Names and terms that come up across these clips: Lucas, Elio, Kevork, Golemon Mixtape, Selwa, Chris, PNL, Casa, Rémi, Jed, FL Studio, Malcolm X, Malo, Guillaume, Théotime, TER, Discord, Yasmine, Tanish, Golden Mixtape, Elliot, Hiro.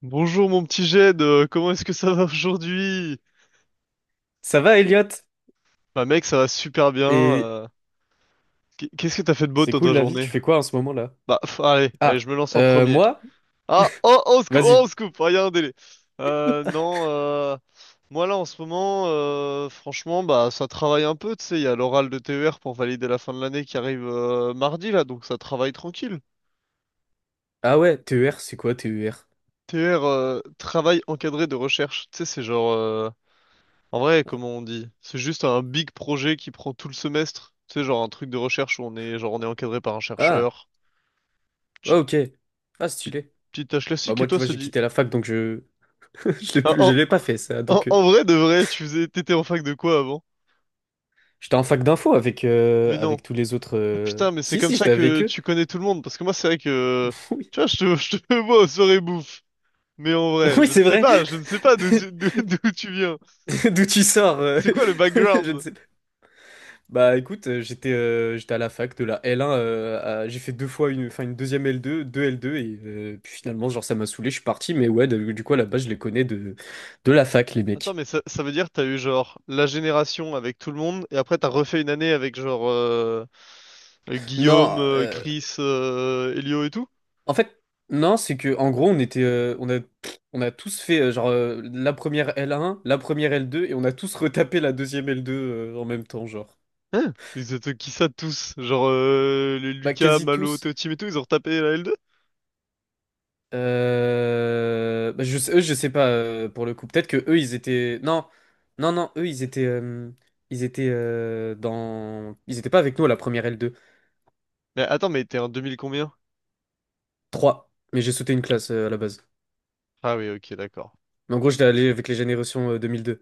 Bonjour mon petit Jed, comment est-ce que ça va aujourd'hui? Ça va, Elliot? Bah mec, ça va super bien. Et Qu'est-ce que t'as fait de beau c'est dans cool ta la vie, tu journée? fais quoi en ce moment-là? Bah pff, allez, allez, je Ah, me lance en premier. moi? Ah, oh, oh, on se coupe, oh, on Vas-y. se coupe, ah, y a un délai. Non, moi là en ce moment, franchement, bah ça travaille un peu, tu sais, il y a l'oral de TER pour valider la fin de l'année qui arrive mardi là, donc ça travaille tranquille. Ah ouais, TER, c'est quoi TER? TER, travail encadré de recherche, tu sais, c'est genre... En vrai, comment on dit? C'est juste un big projet qui prend tout le semestre. Tu sais, genre un truc de recherche où on est encadré par un Ah, chercheur. ah, Petite, ok. Ah, petite, stylé. petite tâche Bah classique. Et moi, tu toi, vois, ça j'ai dit. quitté la fac, donc je je l'ai Ah, plus... je En, l'ai pas fait, ça. en, Donc, en vrai, de vrai, t'étais en fac de quoi avant? j'étais en fac d'info avec, Mais non. avec tous les autres... Ah putain, mais c'est Si, comme si, ça j'étais avec que eux. tu connais tout le monde. Parce que moi, c'est vrai que, Oui, tu vois, je te vois aux soirées bouffe. Mais en vrai, oui, je ne c'est sais vrai. pas, je ne sais pas d'où tu viens. D'où tu sors? C'est quoi le Je ne background? sais pas. Bah écoute, j'étais à la fac de la L1, j'ai fait deux fois une, enfin une deuxième L2, deux L2 et puis finalement genre ça m'a saoulé, je suis parti, mais ouais du coup à la base je les connais de la fac les Attends, mecs. mais ça veut dire que t'as eu genre la génération avec tout le monde, et après t'as refait une année avec genre Guillaume, Non, Chris, Elio et tout? en fait non c'est que en gros on était on a tous fait genre la première L1, la première L2 et on a tous retapé la deuxième L2 en même temps genre. Hein? Ils étaient qui ça tous? Genre les Bah Lucas, quasi Malo, tous. Théotime et tout, ils ont retapé la L2? Bah, je sais, eux, je sais pas pour le coup. Peut-être que eux, ils étaient. Non, non, non. Eux, ils étaient. Ils étaient dans. Ils étaient pas avec nous à la première L2. Mais attends, mais t'es en 2000 combien? Trois. Mais j'ai sauté une classe à la base. Ah oui, ok, d'accord. Mais en gros, j'étais allé avec les générations 2002.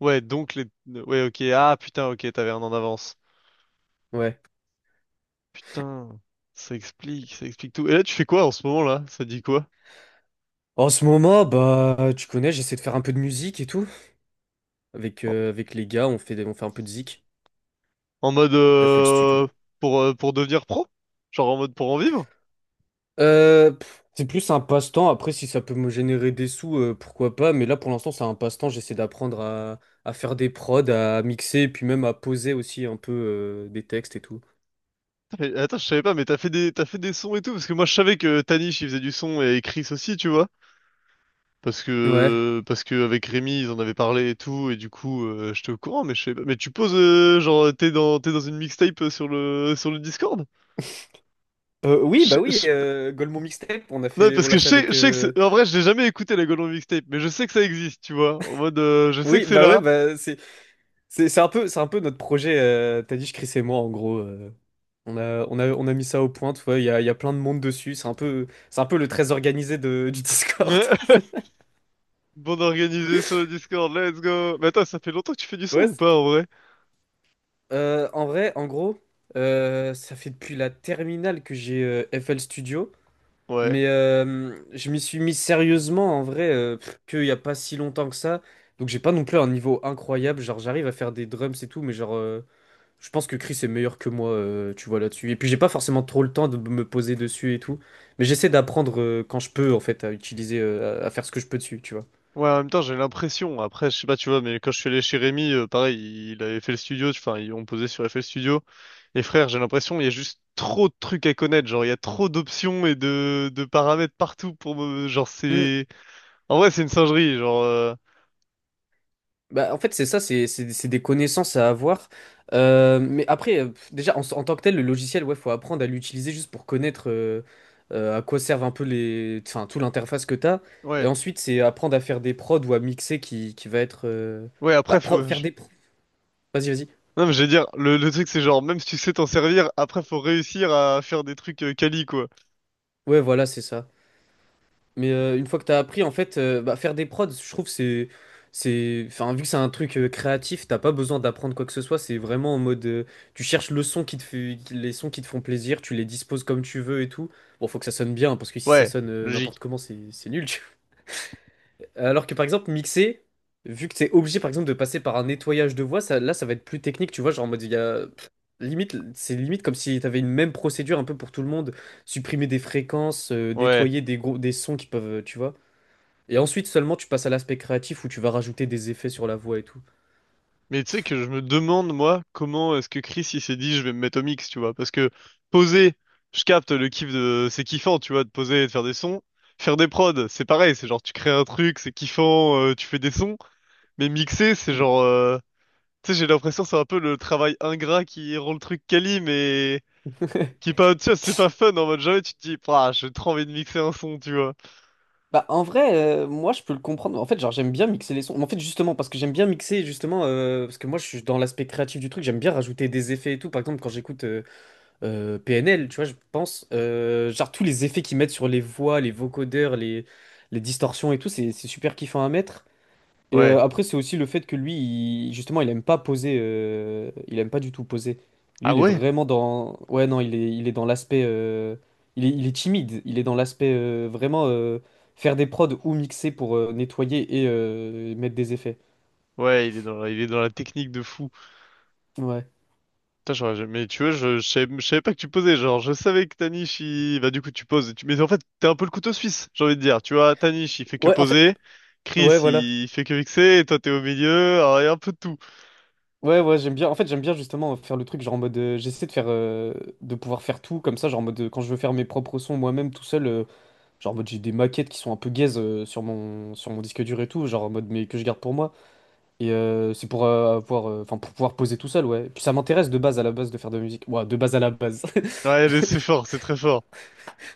Ouais, donc les... Ouais, ok, ah putain, ok, t'avais un an d'avance. Ouais. Putain, ça explique tout. Et là, tu fais quoi en ce moment là? Ça dit quoi? En ce moment, bah, tu connais, j'essaie de faire un peu de musique et tout. Avec, En, avec les gars, on fait, on fait un peu de zik. en mode... FL Studio. Pour devenir pro? Genre en mode pour en vivre? C'est plus un passe-temps. Après, si ça peut me générer des sous, pourquoi pas. Mais là, pour l'instant, c'est un passe-temps. J'essaie d'apprendre à faire des prods, à mixer, et puis même à poser aussi un peu des textes et tout. Mais attends, je savais pas, mais t'as fait des sons et tout, parce que moi je savais que Tanish il faisait du son et Chris aussi, tu vois. Parce Ouais. que, parce que avec Rémi ils en avaient parlé et tout, et du coup j'étais au courant, mais je savais pas. Mais tu poses, genre t'es dans une mixtape sur le Discord? Oui, bah Je- oui, je- Golemon Mixtape, on a Non, fait, parce on l'a que je fait sais, je avec. sais que en vrai je l'ai jamais écouté la Golden Mixtape, mais je sais que ça existe, tu vois. En mode, je sais que Oui, c'est bah ouais, là. bah c'est un peu notre projet. T'as dit, je Chris et moi, en gros. On a mis ça au point. Tu vois, il y a plein de monde dessus. C'est un peu le très organisé du Discord. Bande organisée sur le Discord, let's go. Mais attends, ça fait longtemps que tu fais du son Ouais. ou pas en vrai? En vrai, en gros, ça fait depuis la terminale que j'ai FL Studio, Ouais. mais je m'y suis mis sérieusement en vrai qu'il n'y a pas si longtemps que ça. Donc j'ai pas non plus un niveau incroyable, genre j'arrive à faire des drums et tout, mais genre je pense que Chris est meilleur que moi, tu vois là-dessus. Et puis j'ai pas forcément trop le temps de me poser dessus et tout, mais j'essaie d'apprendre quand je peux en fait à utiliser, à faire ce que je peux dessus, tu vois. Ouais, en même temps, j'ai l'impression, après, je sais pas, tu vois, mais quand je suis allé chez Rémi, pareil, il avait fait le studio, enfin, ils ont posé sur FL Studio. Et frère, j'ai l'impression, il y a juste trop de trucs à connaître, genre, il y a trop d'options et de paramètres partout pour me, genre, Hmm. c'est, en vrai, c'est une singerie, genre, Bah, en fait, c'est ça, c'est des connaissances à avoir. Mais après, déjà, en tant que tel, le logiciel, ouais, faut apprendre à l'utiliser juste pour connaître à quoi servent un peu les, enfin, tout l'interface que t'as. Et ouais, ensuite, c'est apprendre à faire des prods ou à mixer qui va être. Ouais, Bah, après, pro- faire des. pro- Vas-y, vas-y. non, mais je veux dire, le truc, c'est genre, même si tu sais t'en servir, après, faut réussir à faire des trucs quali, quoi. Ouais, voilà, c'est ça. Mais une fois que t'as appris, en fait, bah, faire des prods, je trouve, c'est, enfin, vu que c'est un truc créatif, t'as pas besoin d'apprendre quoi que ce soit. C'est vraiment en mode, tu cherches le son qui te fait, les sons qui te font plaisir, tu les disposes comme tu veux et tout. Bon, faut que ça sonne bien, hein, parce que si ça Ouais, sonne n'importe logique. comment, c'est nul, tu vois. Alors que par exemple, mixer, vu que t'es obligé, par exemple, de passer par un nettoyage de voix, ça, là, ça va être plus technique, tu vois, genre en mode, il y a, pff, limite, c'est limite comme si t'avais une même procédure un peu pour tout le monde, supprimer des fréquences, Ouais. nettoyer des gros, des sons qui peuvent, tu vois. Et ensuite seulement tu passes à l'aspect créatif où tu vas rajouter des effets sur la voix et tout. Mais tu sais que je me demande, moi, comment est-ce que Chris il s'est dit je vais me mettre au mix, tu vois. Parce que poser, je capte le kiff de. C'est kiffant, tu vois, de poser et de faire des sons. Faire des prods, c'est pareil, c'est genre tu crées un truc, c'est kiffant, tu fais des sons. Mais mixer, c'est genre. Tu sais, j'ai l'impression que c'est un peu le travail ingrat qui rend le truc quali, mais qui est pas. Tu vois, c'est pas fun. En mode jamais tu te dis, ah, j'ai trop envie de mixer un son, tu vois. Bah en vrai, moi je peux le comprendre. En fait, genre j'aime bien mixer les sons. En fait, justement, parce que j'aime bien mixer, justement, parce que moi je suis dans l'aspect créatif du truc, j'aime bien rajouter des effets et tout. Par exemple, quand j'écoute PNL, tu vois, je pense, genre tous les effets qu'ils mettent sur les voix, les vocodeurs, les distorsions et tout, c'est super kiffant à mettre. Et Ouais. après, c'est aussi le fait que lui, justement, il aime pas poser. Il aime pas du tout poser. Lui, Ah il est ouais? vraiment dans. Ouais, non, il est dans l'aspect. Il est timide. Il est dans l'aspect vraiment faire des prods ou mixer pour nettoyer et mettre des effets. Ouais, il est dans la technique de fou. Ouais. Putain, j'aurais jamais- mais tu vois, je savais pas que tu posais. Genre, je savais que Tanich, il... Bah, du coup, tu poses. Et tu... Mais en fait, t'es un peu le couteau suisse, j'ai envie de dire. Tu vois, Tanich, il fait que Ouais, en fait. poser. Chris, Ouais, voilà. il fait que mixer. Et toi, t'es au milieu. Alors, il y a un peu de tout. Ouais, ouais, j'aime bien. En fait, j'aime bien justement faire le truc, genre en mode. J'essaie de faire. De pouvoir faire tout comme ça, genre en mode. Quand je veux faire mes propres sons moi-même tout seul. Genre, en mode, j'ai des maquettes qui sont un peu gaze sur sur mon disque dur et tout, genre en mode, mais que je garde pour moi. Et c'est enfin, pour pouvoir poser tout seul, ouais. Et puis ça m'intéresse de base à la base de faire de la musique. Ouais, de base à la base. Ouais, mais c'est fort, c'est très fort.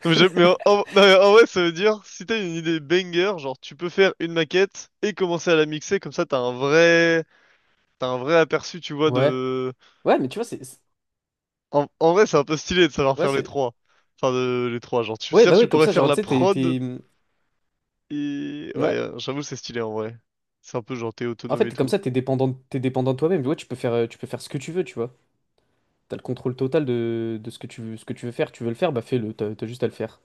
Non, mais, non, mais en vrai, ça veut dire, si t'as une idée banger, genre, tu peux faire une maquette et commencer à la mixer. Comme ça, t'as un vrai... T'as un vrai aperçu, tu vois, Ouais. de... Ouais, mais tu vois, En vrai, c'est un peu stylé de savoir Ouais, faire les c'est. trois. Enfin, de... les trois. Genre, tu... Ouais, sais bah tu oui, comme pourrais ça, faire genre, la tu sais, prod... mmh. Et ouais, Ouais. J'avoue, c'est stylé en vrai. C'est un peu genre t'es En autonome fait, et t'es comme tout. ça, t'es dépendant de toi-même. Ouais, tu peux faire ce que tu veux, tu vois. T'as le contrôle total de ce que tu veux, ce que tu veux faire. Tu veux le faire, bah fais-le. T'as juste à le faire.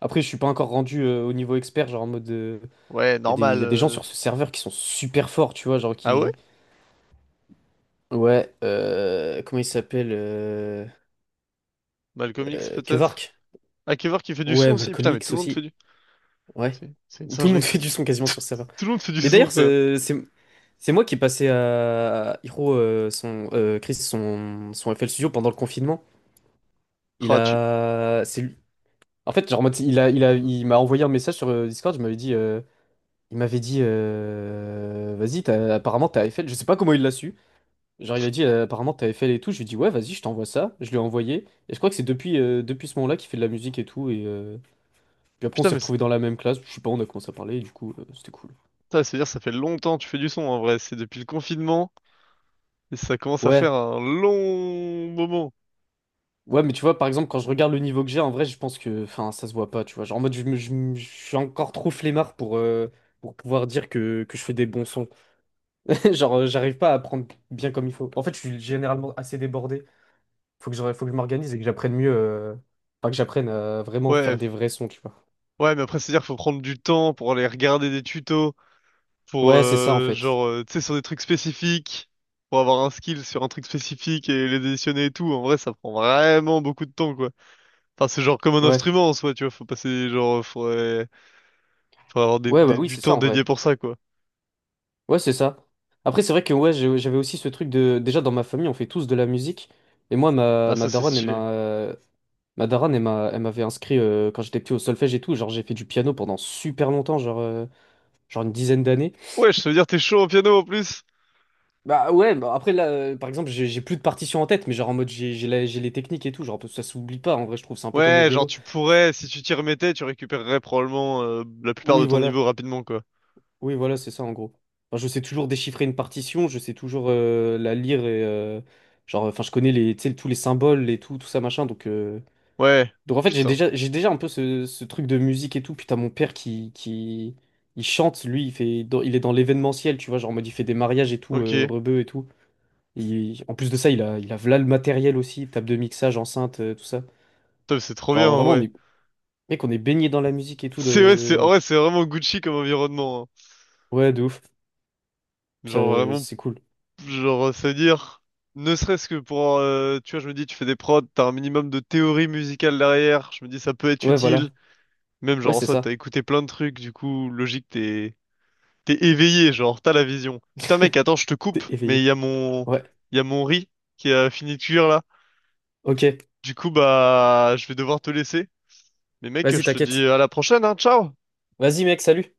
Après, je suis pas encore rendu au niveau expert, genre en mode. Ouais, Il y normal. a des gens sur ce serveur qui sont super forts, tu vois, genre Ah ouais? qui... Ouais, comment il s'appelle Malcolm X peut-être? Kevork. Hakever qui fait du Ouais, son aussi. Malcolm Putain, mais tout X le monde fait aussi. du. Ouais. C'est une Tout le monde singerie. Tout... fait du son quasiment sur ce serveur. tout le monde fait du Mais son, d'ailleurs, frère. C'est moi qui ai passé à Hiro, son, Chris, son FL Studio pendant le confinement. Il Ah, tu... a... C'est lui. En fait, genre, en mode, il m'a envoyé un message sur Discord, je m'avais dit... il m'avait dit... Vas-y, apparemment, t'as FL. Je sais pas comment il l'a su. Genre, il a dit, apparemment, t'avais fait les touches. Je lui ai dit, ouais, vas-y, je t'envoie ça. Je lui ai envoyé. Et je crois que c'est depuis ce moment-là qu'il fait de la musique et tout. Et puis après, on Putain, s'est mais c'est retrouvés dans la même classe. Je sais pas, on a commencé à parler. Et du coup, c'était cool. putain, c'est-à-dire ça fait longtemps que tu fais du son en vrai. C'est depuis le confinement et ça commence à faire Ouais. un long moment. Ouais, mais tu vois, par exemple, quand je regarde le niveau que j'ai, en vrai, je pense que, enfin, ça se voit pas, tu vois. Genre, en mode, je suis encore trop flemmard pour pouvoir dire que je fais des bons sons. Genre, j'arrive pas à apprendre bien comme il faut. En fait, je suis généralement assez débordé. Faut que je m'organise et que j'apprenne mieux. Enfin, que j'apprenne à vraiment faire Ouais, des vrais sons, tu vois. ouais, mais après, c'est-à-dire qu'il faut prendre du temps pour aller regarder des tutos. Pour Ouais, c'est ça, en fait. genre tu sais, sur des trucs spécifiques, pour avoir un skill sur un truc spécifique et les additionner et tout, en vrai ça prend vraiment beaucoup de temps quoi. Enfin c'est genre comme un Ouais, instrument en soi, tu vois, faut passer, genre faudrait avoir ouais, bah oui, du c'est ça temps en vrai. dédié pour ça quoi. Ouais, c'est ça. Après, c'est vrai que ouais, j'avais aussi ce truc de. Déjà, dans ma famille, on fait tous de la musique. Et moi, Ah ma ça c'est daronne, stylé. Elle m'avait inscrit quand j'étais petit au solfège et tout. Genre, j'ai fait du piano pendant super longtemps, genre une dizaine d'années. Ouais, je veux dire que t'es chaud au piano en plus. Bah ouais, bah après, là, par exemple, j'ai plus de partition en tête, mais genre en mode, j'ai les techniques et tout. Genre, ça s'oublie pas en vrai, je trouve. C'est un peu comme le Ouais, genre vélo. tu pourrais, si tu t'y remettais tu récupérerais probablement la plupart de Oui, ton niveau voilà. rapidement quoi. Oui, voilà, c'est ça en gros. Enfin, je sais toujours déchiffrer une partition, je sais toujours la lire et genre, enfin, je connais tu sais, tous les symboles et tout, tout ça machin. Ouais. Donc en fait, Putain. J'ai déjà un peu ce truc de musique et tout. Putain, mon père qui, il chante, lui, il est dans l'événementiel, tu vois, genre, en mode, il fait des mariages et tout, Ok. Rebeu et tout. Et en plus de ça, il a v'là le matériel aussi, table de mixage, enceinte, tout ça. Top, c'est trop bien Genre, en vraiment, on vrai. est, mec, on est baigné dans la musique et tout, C'est, ouais, c'est en vrai, donc, c'est vraiment Gucci comme environnement, hein. ouais, de ouf. Genre Ça, vraiment. c'est cool. Genre, se dire, ne serait-ce que pour, tu vois, je me dis, tu fais des prods, t'as un minimum de théorie musicale derrière, je me dis, ça peut être Ouais, utile. voilà. Même, Ouais, genre, en c'est soi, t'as ça. écouté plein de trucs, du coup, logique, t'es éveillé, genre, t'as la vision. Putain, mec, attends, je te coupe, T'es mais il éveillé. y a mon, Ouais, il y a mon riz qui a fini de cuire, là. ok. Du coup, bah, je vais devoir te laisser. Mais mec, Vas-y, je te dis t'inquiète. à la prochaine, hein, ciao! Vas-y, mec, salut.